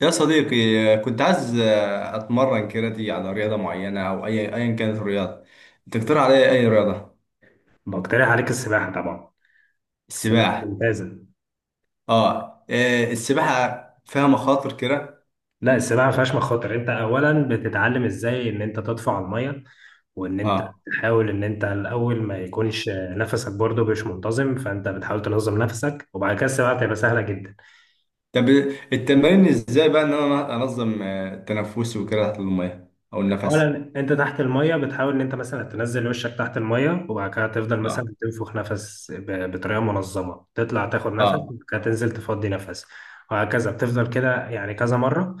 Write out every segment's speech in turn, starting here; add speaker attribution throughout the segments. Speaker 1: يا صديقي، كنت عايز اتمرن كاراتيه على رياضه معينه او اي ايا كانت الرياضه. تقترح عليا اي رياضه؟
Speaker 2: بقترح عليك السباحة طبعا. السباحة
Speaker 1: السباحه.
Speaker 2: ممتازة.
Speaker 1: اه. السباحه فيها مخاطر كده؟
Speaker 2: لا، السباحة ما فيهاش مخاطر. انت اولا بتتعلم ازاي ان انت تطفو على المية، وان انت
Speaker 1: اه.
Speaker 2: تحاول ان انت الاول ما يكونش نفسك برضه مش منتظم، فانت بتحاول تنظم نفسك وبعد كده السباحة تبقى سهلة جدا.
Speaker 1: طب التمارين ازاي بقى ان انا انظم تنفسي وكده تحت الميه او النفس؟
Speaker 2: اولا انت تحت الميه بتحاول ان انت مثلا تنزل وشك تحت الميه، وبعد كده تفضل
Speaker 1: اه.
Speaker 2: مثلا تنفخ نفس بطريقه منظمه، تطلع تاخد نفس
Speaker 1: اه.
Speaker 2: وبعد كده تنزل تفضي نفس. وهكذا بتفضل كده يعني كذا مره،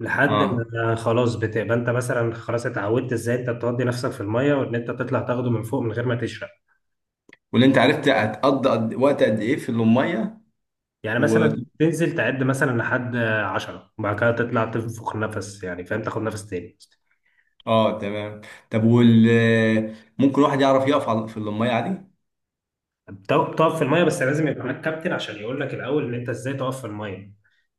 Speaker 2: لحد
Speaker 1: اه.
Speaker 2: ما خلاص بتبقى انت مثلا خلاص اتعودت ازاي انت بتودي نفسك في الميه وان انت تطلع تاخده من فوق من غير ما تشرب.
Speaker 1: واللي انت عرفت هتقضي وقت قد ايه في الميه؟
Speaker 2: يعني
Speaker 1: و...
Speaker 2: مثلا تنزل تعد مثلا لحد عشرة وبعد كده تطلع تنفخ نفس، يعني فاهم، تاخد نفس تاني.
Speaker 1: اه، تمام. طب وال آه، ممكن واحد يعرف يقف في الميه عادي؟
Speaker 2: بتقف في الميه بس لازم يبقى معاك كابتن عشان يقول لك الاول ان انت ازاي تقف في الميه.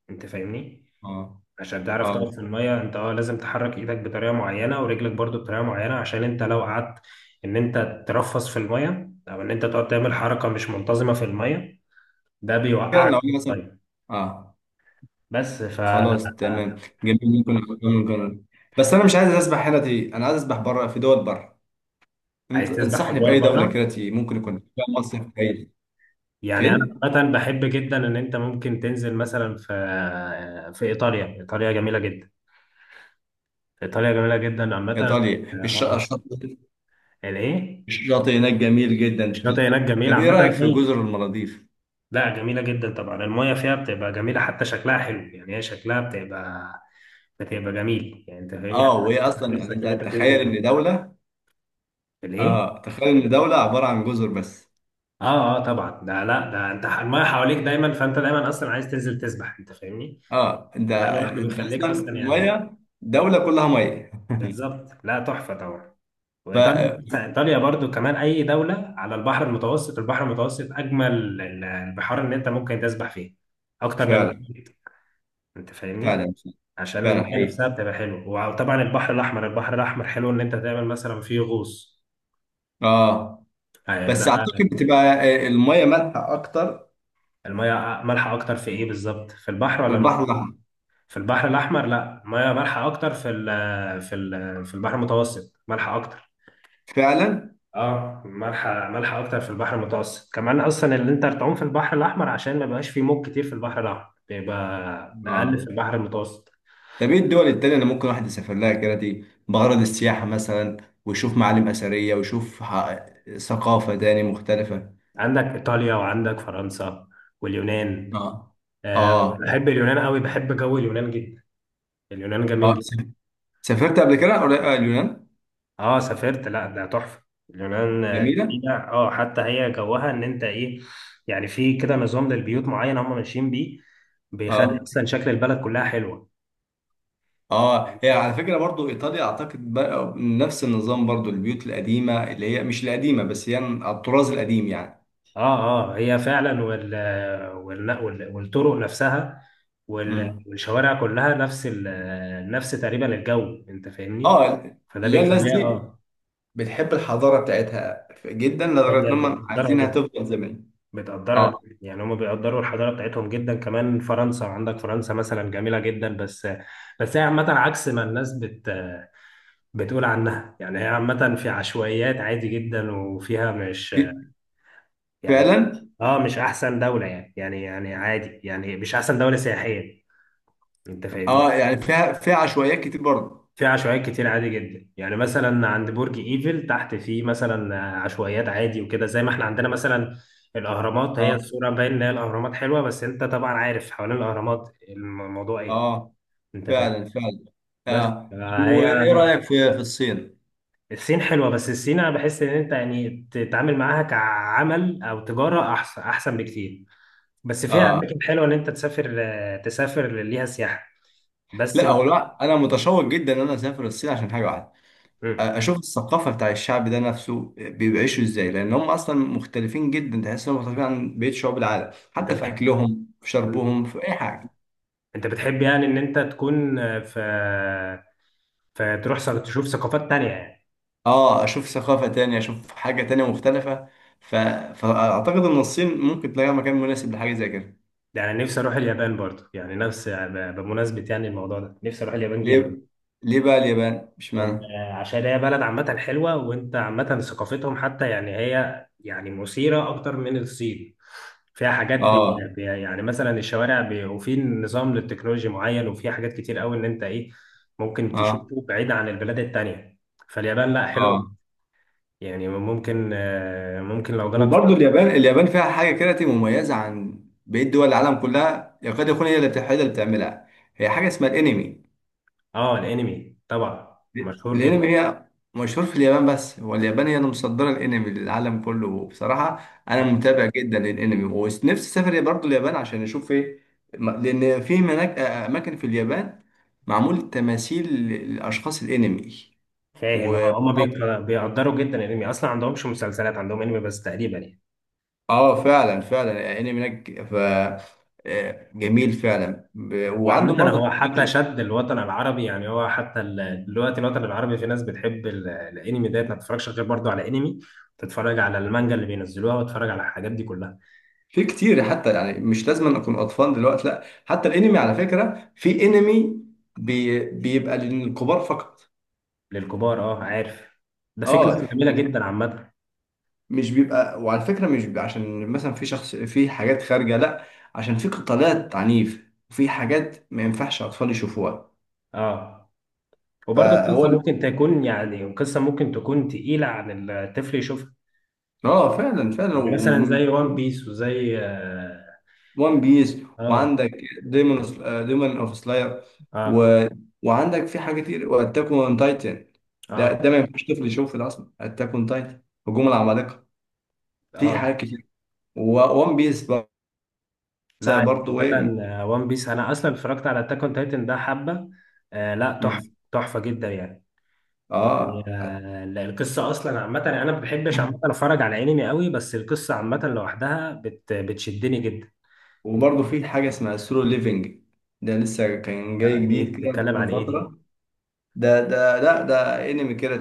Speaker 2: انت فاهمني؟
Speaker 1: اه.
Speaker 2: عشان تعرف تقف
Speaker 1: اه.
Speaker 2: في الميه انت لازم تحرك ايدك بطريقه معينه ورجلك برضو بطريقه معينه، عشان انت لو قعدت ان انت ترفس في الميه او ان انت تقعد تعمل حركه مش منتظمه في الميه، ده
Speaker 1: كده لو
Speaker 2: بيوقعك في
Speaker 1: انا مثلا،
Speaker 2: الميه.
Speaker 1: اه،
Speaker 2: بس ف
Speaker 1: خلاص تمام. جميل. ممكن أعمل. بس انا مش عايز اسبح هنا تي، انا عايز اسبح بره، في دول بره.
Speaker 2: عايز
Speaker 1: انت
Speaker 2: تسبح في
Speaker 1: انصحني
Speaker 2: الدور
Speaker 1: باي دوله
Speaker 2: بره.
Speaker 1: كده تي ممكن يكون فيها مصيف كويس؟
Speaker 2: يعني انا
Speaker 1: فين؟
Speaker 2: عامه بحب جدا ان انت ممكن تنزل مثلا في ايطاليا، ايطاليا جميله جدا. ايطاليا جميله جدا عامه.
Speaker 1: ايطاليا
Speaker 2: اه.
Speaker 1: الشاطئ؟
Speaker 2: الايه؟
Speaker 1: الشاطئ هناك جميل جدا فعلا.
Speaker 2: الشاطئ هناك جميل
Speaker 1: طب ايه
Speaker 2: عامه،
Speaker 1: رايك في
Speaker 2: اي.
Speaker 1: جزر المالديف؟
Speaker 2: لا، جميلة جدا طبعا، المايه فيها بتبقى جميلة حتى شكلها حلو، يعني هي شكلها بتبقى جميل يعني انت فاهمني حتى.
Speaker 1: اه، وهي اصلا يعني
Speaker 2: نفسك
Speaker 1: انت
Speaker 2: ان انت
Speaker 1: تخيل
Speaker 2: تنزل.
Speaker 1: ان دوله،
Speaker 2: الايه؟
Speaker 1: اه، تخيل ان دوله عباره عن جزر بس.
Speaker 2: اه، اه طبعا، ده. لا، ده انت المايه حواليك دايما، فانت دايما اصلا عايز تنزل تسبح، انت فاهمني؟
Speaker 1: اه، انت
Speaker 2: فده لوحده بيخليك
Speaker 1: اصلا
Speaker 2: اصلا، يعني
Speaker 1: الميه، دوله كلها ميه.
Speaker 2: بالظبط، لا تحفة طبعا.
Speaker 1: ف،
Speaker 2: وايطاليا برضو، كمان اي دولة على البحر المتوسط. البحر المتوسط اجمل البحار اللي انت ممكن تسبح فيه، اكتر من
Speaker 1: فعلا،
Speaker 2: المحيط. انت فاهمني؟
Speaker 1: فعلا،
Speaker 2: عشان
Speaker 1: فعلا
Speaker 2: الميه
Speaker 1: حقيقي.
Speaker 2: نفسها بتبقى حلوه. وطبعا البحر الاحمر حلو ان انت تعمل مثلا فيه غوص.
Speaker 1: اه،
Speaker 2: ده.
Speaker 1: بس اعتقد بتبقى، الميه مالحه اكتر
Speaker 2: الميه مالحه اكتر في ايه بالظبط؟ في البحر
Speaker 1: في
Speaker 2: ولا
Speaker 1: البحر
Speaker 2: في؟
Speaker 1: الاحمر.
Speaker 2: في البحر الاحمر؟ لا، الميه مالحه اكتر في البحر المتوسط، مالحه اكتر.
Speaker 1: فعلا.
Speaker 2: اه، مالحه اكتر في البحر المتوسط. كمان اصلا اللي انت تعوم في البحر الاحمر عشان ما بيبقاش فيه موج كتير. في البحر الاحمر بيبقى اقل،
Speaker 1: اه.
Speaker 2: في البحر المتوسط.
Speaker 1: طب ايه الدول التانية اللي ممكن واحد يسافر لها كده دي بغرض السياحه مثلا، ويشوف معالم اثريه، ويشوف ثقافه تاني مختلفه؟
Speaker 2: عندك ايطاليا، وعندك فرنسا، واليونان.
Speaker 1: اه.
Speaker 2: آه،
Speaker 1: اه.
Speaker 2: بحب اليونان قوي، بحب جو اليونان جدا. اليونان جميل
Speaker 1: اه.
Speaker 2: جدا.
Speaker 1: سافرت قبل كده اليونان؟
Speaker 2: اه سافرت. لا، ده تحفه. اليونان
Speaker 1: جميله.
Speaker 2: جميله. اه، حتى هي جوها ان انت ايه؟ يعني في كده نظام للبيوت معين هم ماشيين بيه، بيخلي
Speaker 1: اه.
Speaker 2: اصلا شكل البلد كلها حلوه،
Speaker 1: اه، هي
Speaker 2: فاهمني؟
Speaker 1: على فكره برضو ايطاليا اعتقد بقى نفس النظام برضو، البيوت القديمه اللي هي مش القديمه بس يعني على الطراز القديم يعني.
Speaker 2: اه، اه هي فعلا. والطرق نفسها
Speaker 1: مم.
Speaker 2: والشوارع، كلها نفس نفس تقريبا الجو، انت فاهمني.
Speaker 1: اه.
Speaker 2: فده
Speaker 1: اللي هي الناس
Speaker 2: بيخليها
Speaker 1: دي بتحب الحضاره بتاعتها جدا لدرجه ان هم
Speaker 2: بيقدرها
Speaker 1: عايزينها
Speaker 2: جدا،
Speaker 1: تفضل زي ما هي.
Speaker 2: بتقدرها
Speaker 1: اه.
Speaker 2: جداً. يعني هم بيقدروا الحضاره بتاعتهم جدا. كمان فرنسا، عندك فرنسا مثلا جميله جدا، بس هي عامه عكس ما الناس بتقول عنها. يعني هي عامه في عشوائيات عادي جدا، وفيها مش
Speaker 1: في.
Speaker 2: يعني،
Speaker 1: فعلا.
Speaker 2: اه مش احسن دوله، يعني عادي، يعني مش احسن دوله سياحيه، انت
Speaker 1: اه،
Speaker 2: فاهمني.
Speaker 1: يعني فيها، فيها عشوائيات كتير برضه.
Speaker 2: في عشوائيات كتير عادي جدا، يعني مثلا عند برج ايفل تحت في مثلا عشوائيات عادي، وكده زي ما احنا عندنا مثلا الاهرامات. هي
Speaker 1: اه.
Speaker 2: الصوره باين ان هي الاهرامات حلوه، بس انت طبعا عارف حوالين الاهرامات الموضوع ايه،
Speaker 1: اه،
Speaker 2: انت فاهم.
Speaker 1: فعلا فعلا.
Speaker 2: بس
Speaker 1: اه،
Speaker 2: هي
Speaker 1: وايه
Speaker 2: لا،
Speaker 1: رايك في في الصين؟
Speaker 2: الصين حلوه. بس الصين انا بحس ان انت يعني تتعامل معاها كعمل او تجاره احسن، احسن بكتير. بس فيها
Speaker 1: اه.
Speaker 2: اماكن حلوه ان انت تسافر ليها سياحه. بس
Speaker 1: لا،
Speaker 2: م-
Speaker 1: هو لا، انا متشوق جدا ان انا اسافر الصين عشان حاجه واحده.
Speaker 2: أمم،
Speaker 1: اشوف الثقافه بتاع الشعب ده نفسه بيعيشوا ازاي، لان هم اصلا مختلفين جدا، تحس انهم مختلفين عن بقيه شعوب العالم، حتى
Speaker 2: انت
Speaker 1: في اكلهم، في
Speaker 2: بتحب
Speaker 1: شربهم، في اي حاجه.
Speaker 2: انت بتحب يعني ان انت تكون في فتروح تشوف ثقافات تانية، يعني.
Speaker 1: اه، اشوف ثقافة تانية، اشوف حاجة تانية مختلفة. ف... فاعتقد ان الصين ممكن تلاقي مكان مناسب لحاجة زي كده.
Speaker 2: يعني أنا نفسي اروح اليابان برضه، يعني نفس بمناسبة يعني الموضوع ده، نفسي اروح اليابان جدا.
Speaker 1: ليه؟ ليه بقى اليابان مش
Speaker 2: يعني
Speaker 1: معنى؟
Speaker 2: عشان هي بلد عامة حلوة، وانت عامة ثقافتهم، حتى يعني هي يعني مثيرة اكتر من الصين. فيها حاجات
Speaker 1: اه.
Speaker 2: يعني مثلا الشوارع وفي نظام للتكنولوجيا معين، وفي حاجات كتير قوي ان انت ايه، ممكن
Speaker 1: اه.
Speaker 2: تشوفه بعيد عن البلاد التانية. فاليابان لا حلوة،
Speaker 1: اه،
Speaker 2: يعني ممكن لو جالك.
Speaker 1: وبرضه اليابان، اليابان فيها حاجة كده تبقى مميزة عن بقية دول العالم كلها، يكاد يكون هي اللي هي اللي بتعملها. هي حاجة اسمها الانمي.
Speaker 2: اه، الانمي طبعا مشهور
Speaker 1: الانمي
Speaker 2: جدا.
Speaker 1: هي مشهور في اليابان، بس هو اليابان هي اللي مصدره الانمي للعالم كله. وبصراحه انا
Speaker 2: آه،
Speaker 1: متابع جدا للانمي، ونفسي اسافر برضه اليابان عشان اشوف ايه. لان في هناك اماكن في اليابان معمول تماثيل لاشخاص الانمي.
Speaker 2: فاهم.
Speaker 1: و،
Speaker 2: اه هما بيقدروا جدا الانمي، اصلا عندهمش مسلسلات، عندهم انمي بس تقريبا، يعني.
Speaker 1: اه، فعلا فعلا الانمي هناك ف، جميل فعلا. وعنده
Speaker 2: وعامة
Speaker 1: برضه
Speaker 2: هو حتى شد الوطن العربي، يعني هو حتى دلوقتي الوطن العربي، في ناس بتحب الانمي ده، ما تتفرجش غير برضه على انمي، تتفرج على المانجا اللي بينزلوها وتتفرج على الحاجات دي كلها.
Speaker 1: في كتير، حتى يعني مش لازم أن اكون اطفال دلوقتي، لا، حتى الانمي على فكره في انمي بيبقى للكبار فقط.
Speaker 2: للكبار، اه، عارف. ده في
Speaker 1: اه،
Speaker 2: قصة جميلة
Speaker 1: يعني
Speaker 2: جدا عامة.
Speaker 1: مش بيبقى، وعلى فكره مش بيبقى عشان مثلا في شخص في حاجات خارجه، لا، عشان في قتالات عنيف وفي حاجات ما ينفعش اطفال يشوفوها.
Speaker 2: اه، وبرضه
Speaker 1: فهو
Speaker 2: القصة
Speaker 1: ال-
Speaker 2: ممكن تكون يعني قصة ممكن تكون تقيلة عن الطفل يشوفها.
Speaker 1: اه، فعلا فعلا.
Speaker 2: يعني مثلا زي وان بيس، وزي
Speaker 1: وان بيس.
Speaker 2: اه،
Speaker 1: وعندك ديمون، ديمون اوف سلاير.
Speaker 2: اه،
Speaker 1: و... وعندك في حاجه كتير، واتاك اون تايتن. ده
Speaker 2: اه،
Speaker 1: ده ما ينفعش طفل يشوفه، ده اصلا اتاك اون تايتن، هجوم العمالقه. في
Speaker 2: آه.
Speaker 1: حاجات كتير، وان بيس
Speaker 2: لا يعني
Speaker 1: برضه ايه.
Speaker 2: عامة وان بيس، انا اصلا اتفرجت على اتاك اون تايتن ده حبة. آه، لا تحفة،
Speaker 1: م-.
Speaker 2: تحفة جدا يعني. يعني
Speaker 1: اه،
Speaker 2: لا، القصة اصلا عامة يعني. انا ما بحبش عامة اتفرج على انمي قوي، بس القصة عامة لوحدها بتشدني جدا.
Speaker 1: وبرضه في حاجه اسمها سولو ليفنج. ده لسه كان جاي
Speaker 2: لا، دي
Speaker 1: جديد كده
Speaker 2: بتتكلم
Speaker 1: من
Speaker 2: عن ايه دي؟
Speaker 1: فتره. ده ده، لا، ده انمي كده،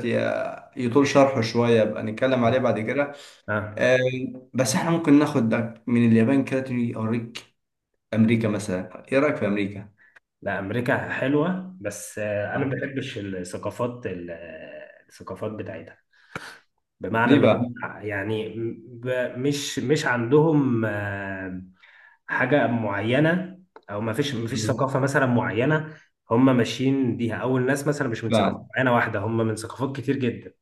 Speaker 1: يطول شرحه شويه، يبقى نتكلم عليه بعد كده.
Speaker 2: اه،
Speaker 1: آه، بس احنا ممكن ناخدك من اليابان كده تيجي اوريك امريكا مثلا. ايه رايك في امريكا؟
Speaker 2: لا امريكا حلوة، بس انا ما
Speaker 1: آه.
Speaker 2: بحبش الثقافات الثقافات بتاعتها. بمعنى
Speaker 1: ليه
Speaker 2: اللي
Speaker 1: بقى؟
Speaker 2: هم يعني، مش عندهم حاجة معينة، أو ما فيش
Speaker 1: مم.
Speaker 2: ثقافة مثلا معينة هم ماشيين بيها. أو الناس مثلا مش من ثقافة
Speaker 1: بعد،
Speaker 2: معينة واحدة، هم من ثقافات كتير جدا.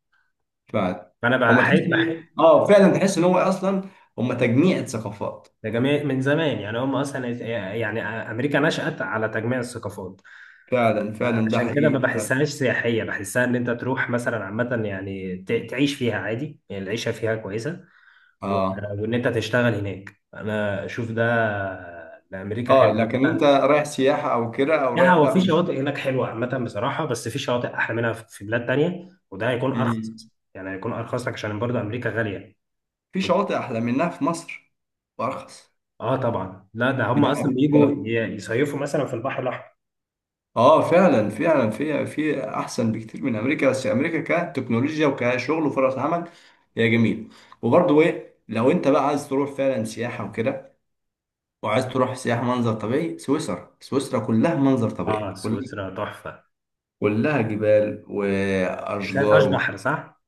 Speaker 1: بعد،
Speaker 2: فأنا
Speaker 1: هما تحس اه فعلا، تحس ان هو اصلا هما تجميع ثقافات.
Speaker 2: ده جميع من زمان، يعني هم أصلا، يعني أمريكا نشأت على تجميع الثقافات.
Speaker 1: فعلا فعلا، ده
Speaker 2: عشان كده ما
Speaker 1: حقيقي.
Speaker 2: بحسهاش سياحية، بحسها إن أنت تروح مثلا عامة، يعني تعيش فيها عادي، يعني العيشة فيها كويسة و-
Speaker 1: اه.
Speaker 2: وان انت تشتغل هناك انا اشوف ده امريكا
Speaker 1: اه، لكن انت
Speaker 2: حلوه.
Speaker 1: رايح سياحه او كده او
Speaker 2: لا
Speaker 1: رايح
Speaker 2: هو
Speaker 1: لا
Speaker 2: في
Speaker 1: مش.
Speaker 2: شواطئ هناك حلوه عامه بصراحه، بس في شواطئ احلى منها في بلاد تانية، وده هيكون
Speaker 1: مم.
Speaker 2: ارخص، يعني هيكون ارخص لك، عشان برضه امريكا غاليه.
Speaker 1: في شواطئ احلى منها في مصر، وارخص.
Speaker 2: اه طبعا، لا ده
Speaker 1: في
Speaker 2: هم اصلا
Speaker 1: دهب.
Speaker 2: بيجوا يصيفوا مثلا في البحر الاحمر.
Speaker 1: اه، فعلا فعلا، في في احسن بكتير من امريكا، بس امريكا كتكنولوجيا وكشغل وفرص عمل هي جميل. وبرضه ايه، لو انت بقى عايز تروح فعلا سياحه وكده، وعايز تروح سياحه منظر طبيعي، سويسرا. سويسرا كلها منظر
Speaker 2: اه
Speaker 1: طبيعي، كلها
Speaker 2: سويسرا تحفه.
Speaker 1: كلها جبال
Speaker 2: بس هي ما
Speaker 1: واشجار
Speaker 2: فيهاش بحر، صح؟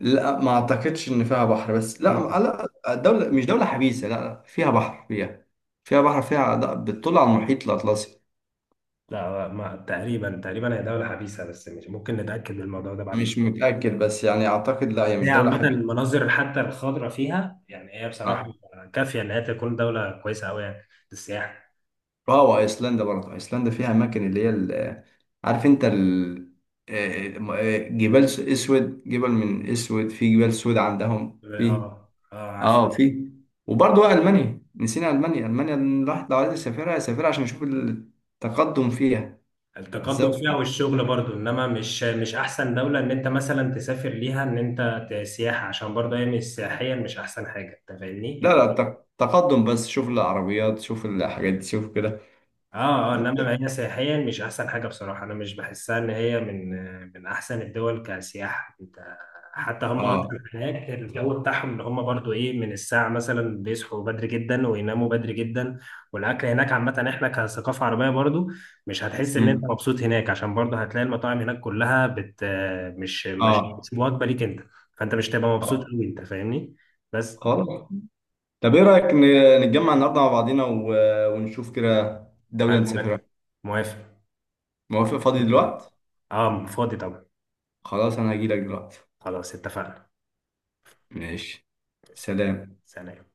Speaker 1: لا ما اعتقدش ان فيها بحر بس، لا،
Speaker 2: مم.
Speaker 1: لا دوله، مش دوله حبيسه، لا لا، فيها بحر، فيها، فيها بحر، فيها بتطل على المحيط الاطلسي.
Speaker 2: لا، ما تقريبا، تقريبا هي دوله حبيسه، بس مش ممكن نتاكد من الموضوع ده بعد كده.
Speaker 1: مش متاكد بس يعني اعتقد لا، هي مش
Speaker 2: هي
Speaker 1: دوله
Speaker 2: عامة
Speaker 1: حبيسه.
Speaker 2: المناظر حتى الخضراء فيها يعني هي بصراحة
Speaker 1: آه.
Speaker 2: كافية إن هي تكون دولة كويسة أوي يعني للسياحة.
Speaker 1: اه، وايسلندا برضه، ايسلندا فيها اماكن اللي هي عارف انت ال، جبال اسود، جبل من اسود، في جبال سود عندهم في.
Speaker 2: اه، اه عارف.
Speaker 1: اه، في. وبرضه بقى المانيا، نسينا المانيا، المانيا الواحد لو عايز يسافرها يسافرها عشان يشوف التقدم فيها.
Speaker 2: التقدم
Speaker 1: بالذات في.
Speaker 2: فيها والشغل برضو، إنما مش مش أحسن دولة إن أنت مثلا تسافر ليها، إن أنت سياحة، عشان برضو هي مش سياحيا، مش أحسن حاجة، أنت فاهمني
Speaker 1: لا
Speaker 2: يعني.
Speaker 1: لا، تقدم بس، شوف العربيات، شوف الحاجات دي، شوف كده.
Speaker 2: اه، اه
Speaker 1: بس،
Speaker 2: انما هي سياحيا مش احسن حاجه بصراحه. انا مش بحسها ان هي من احسن الدول كسياحه، انت. حتى هم اصلا
Speaker 1: اه.
Speaker 2: هناك الجو بتاعهم ان هم برضو ايه، من الساعه مثلا بيصحوا بدري جدا، ويناموا بدري جدا. والاكل هناك، عامه احنا كثقافه عربيه برضو مش هتحس ان انت
Speaker 1: مم.
Speaker 2: مبسوط هناك، عشان برضو هتلاقي المطاعم هناك كلها بت، مش مش
Speaker 1: اه.
Speaker 2: مش وجبه ليك انت. فانت مش تبقى مبسوط
Speaker 1: اه.
Speaker 2: قوي، انت فاهمني. بس.
Speaker 1: خلاص. طب ايه رأيك نتجمع النهارده مع بعضينا ونشوف كده دولة
Speaker 2: انا
Speaker 1: نسافرها؟
Speaker 2: موافق. موافق.
Speaker 1: موافق. فاضي دلوقتي؟
Speaker 2: اه، فاضي طبعا.
Speaker 1: خلاص انا هجيلك دلوقتي.
Speaker 2: خلاص اتفقنا.
Speaker 1: ماشي. سلام.
Speaker 2: سلام.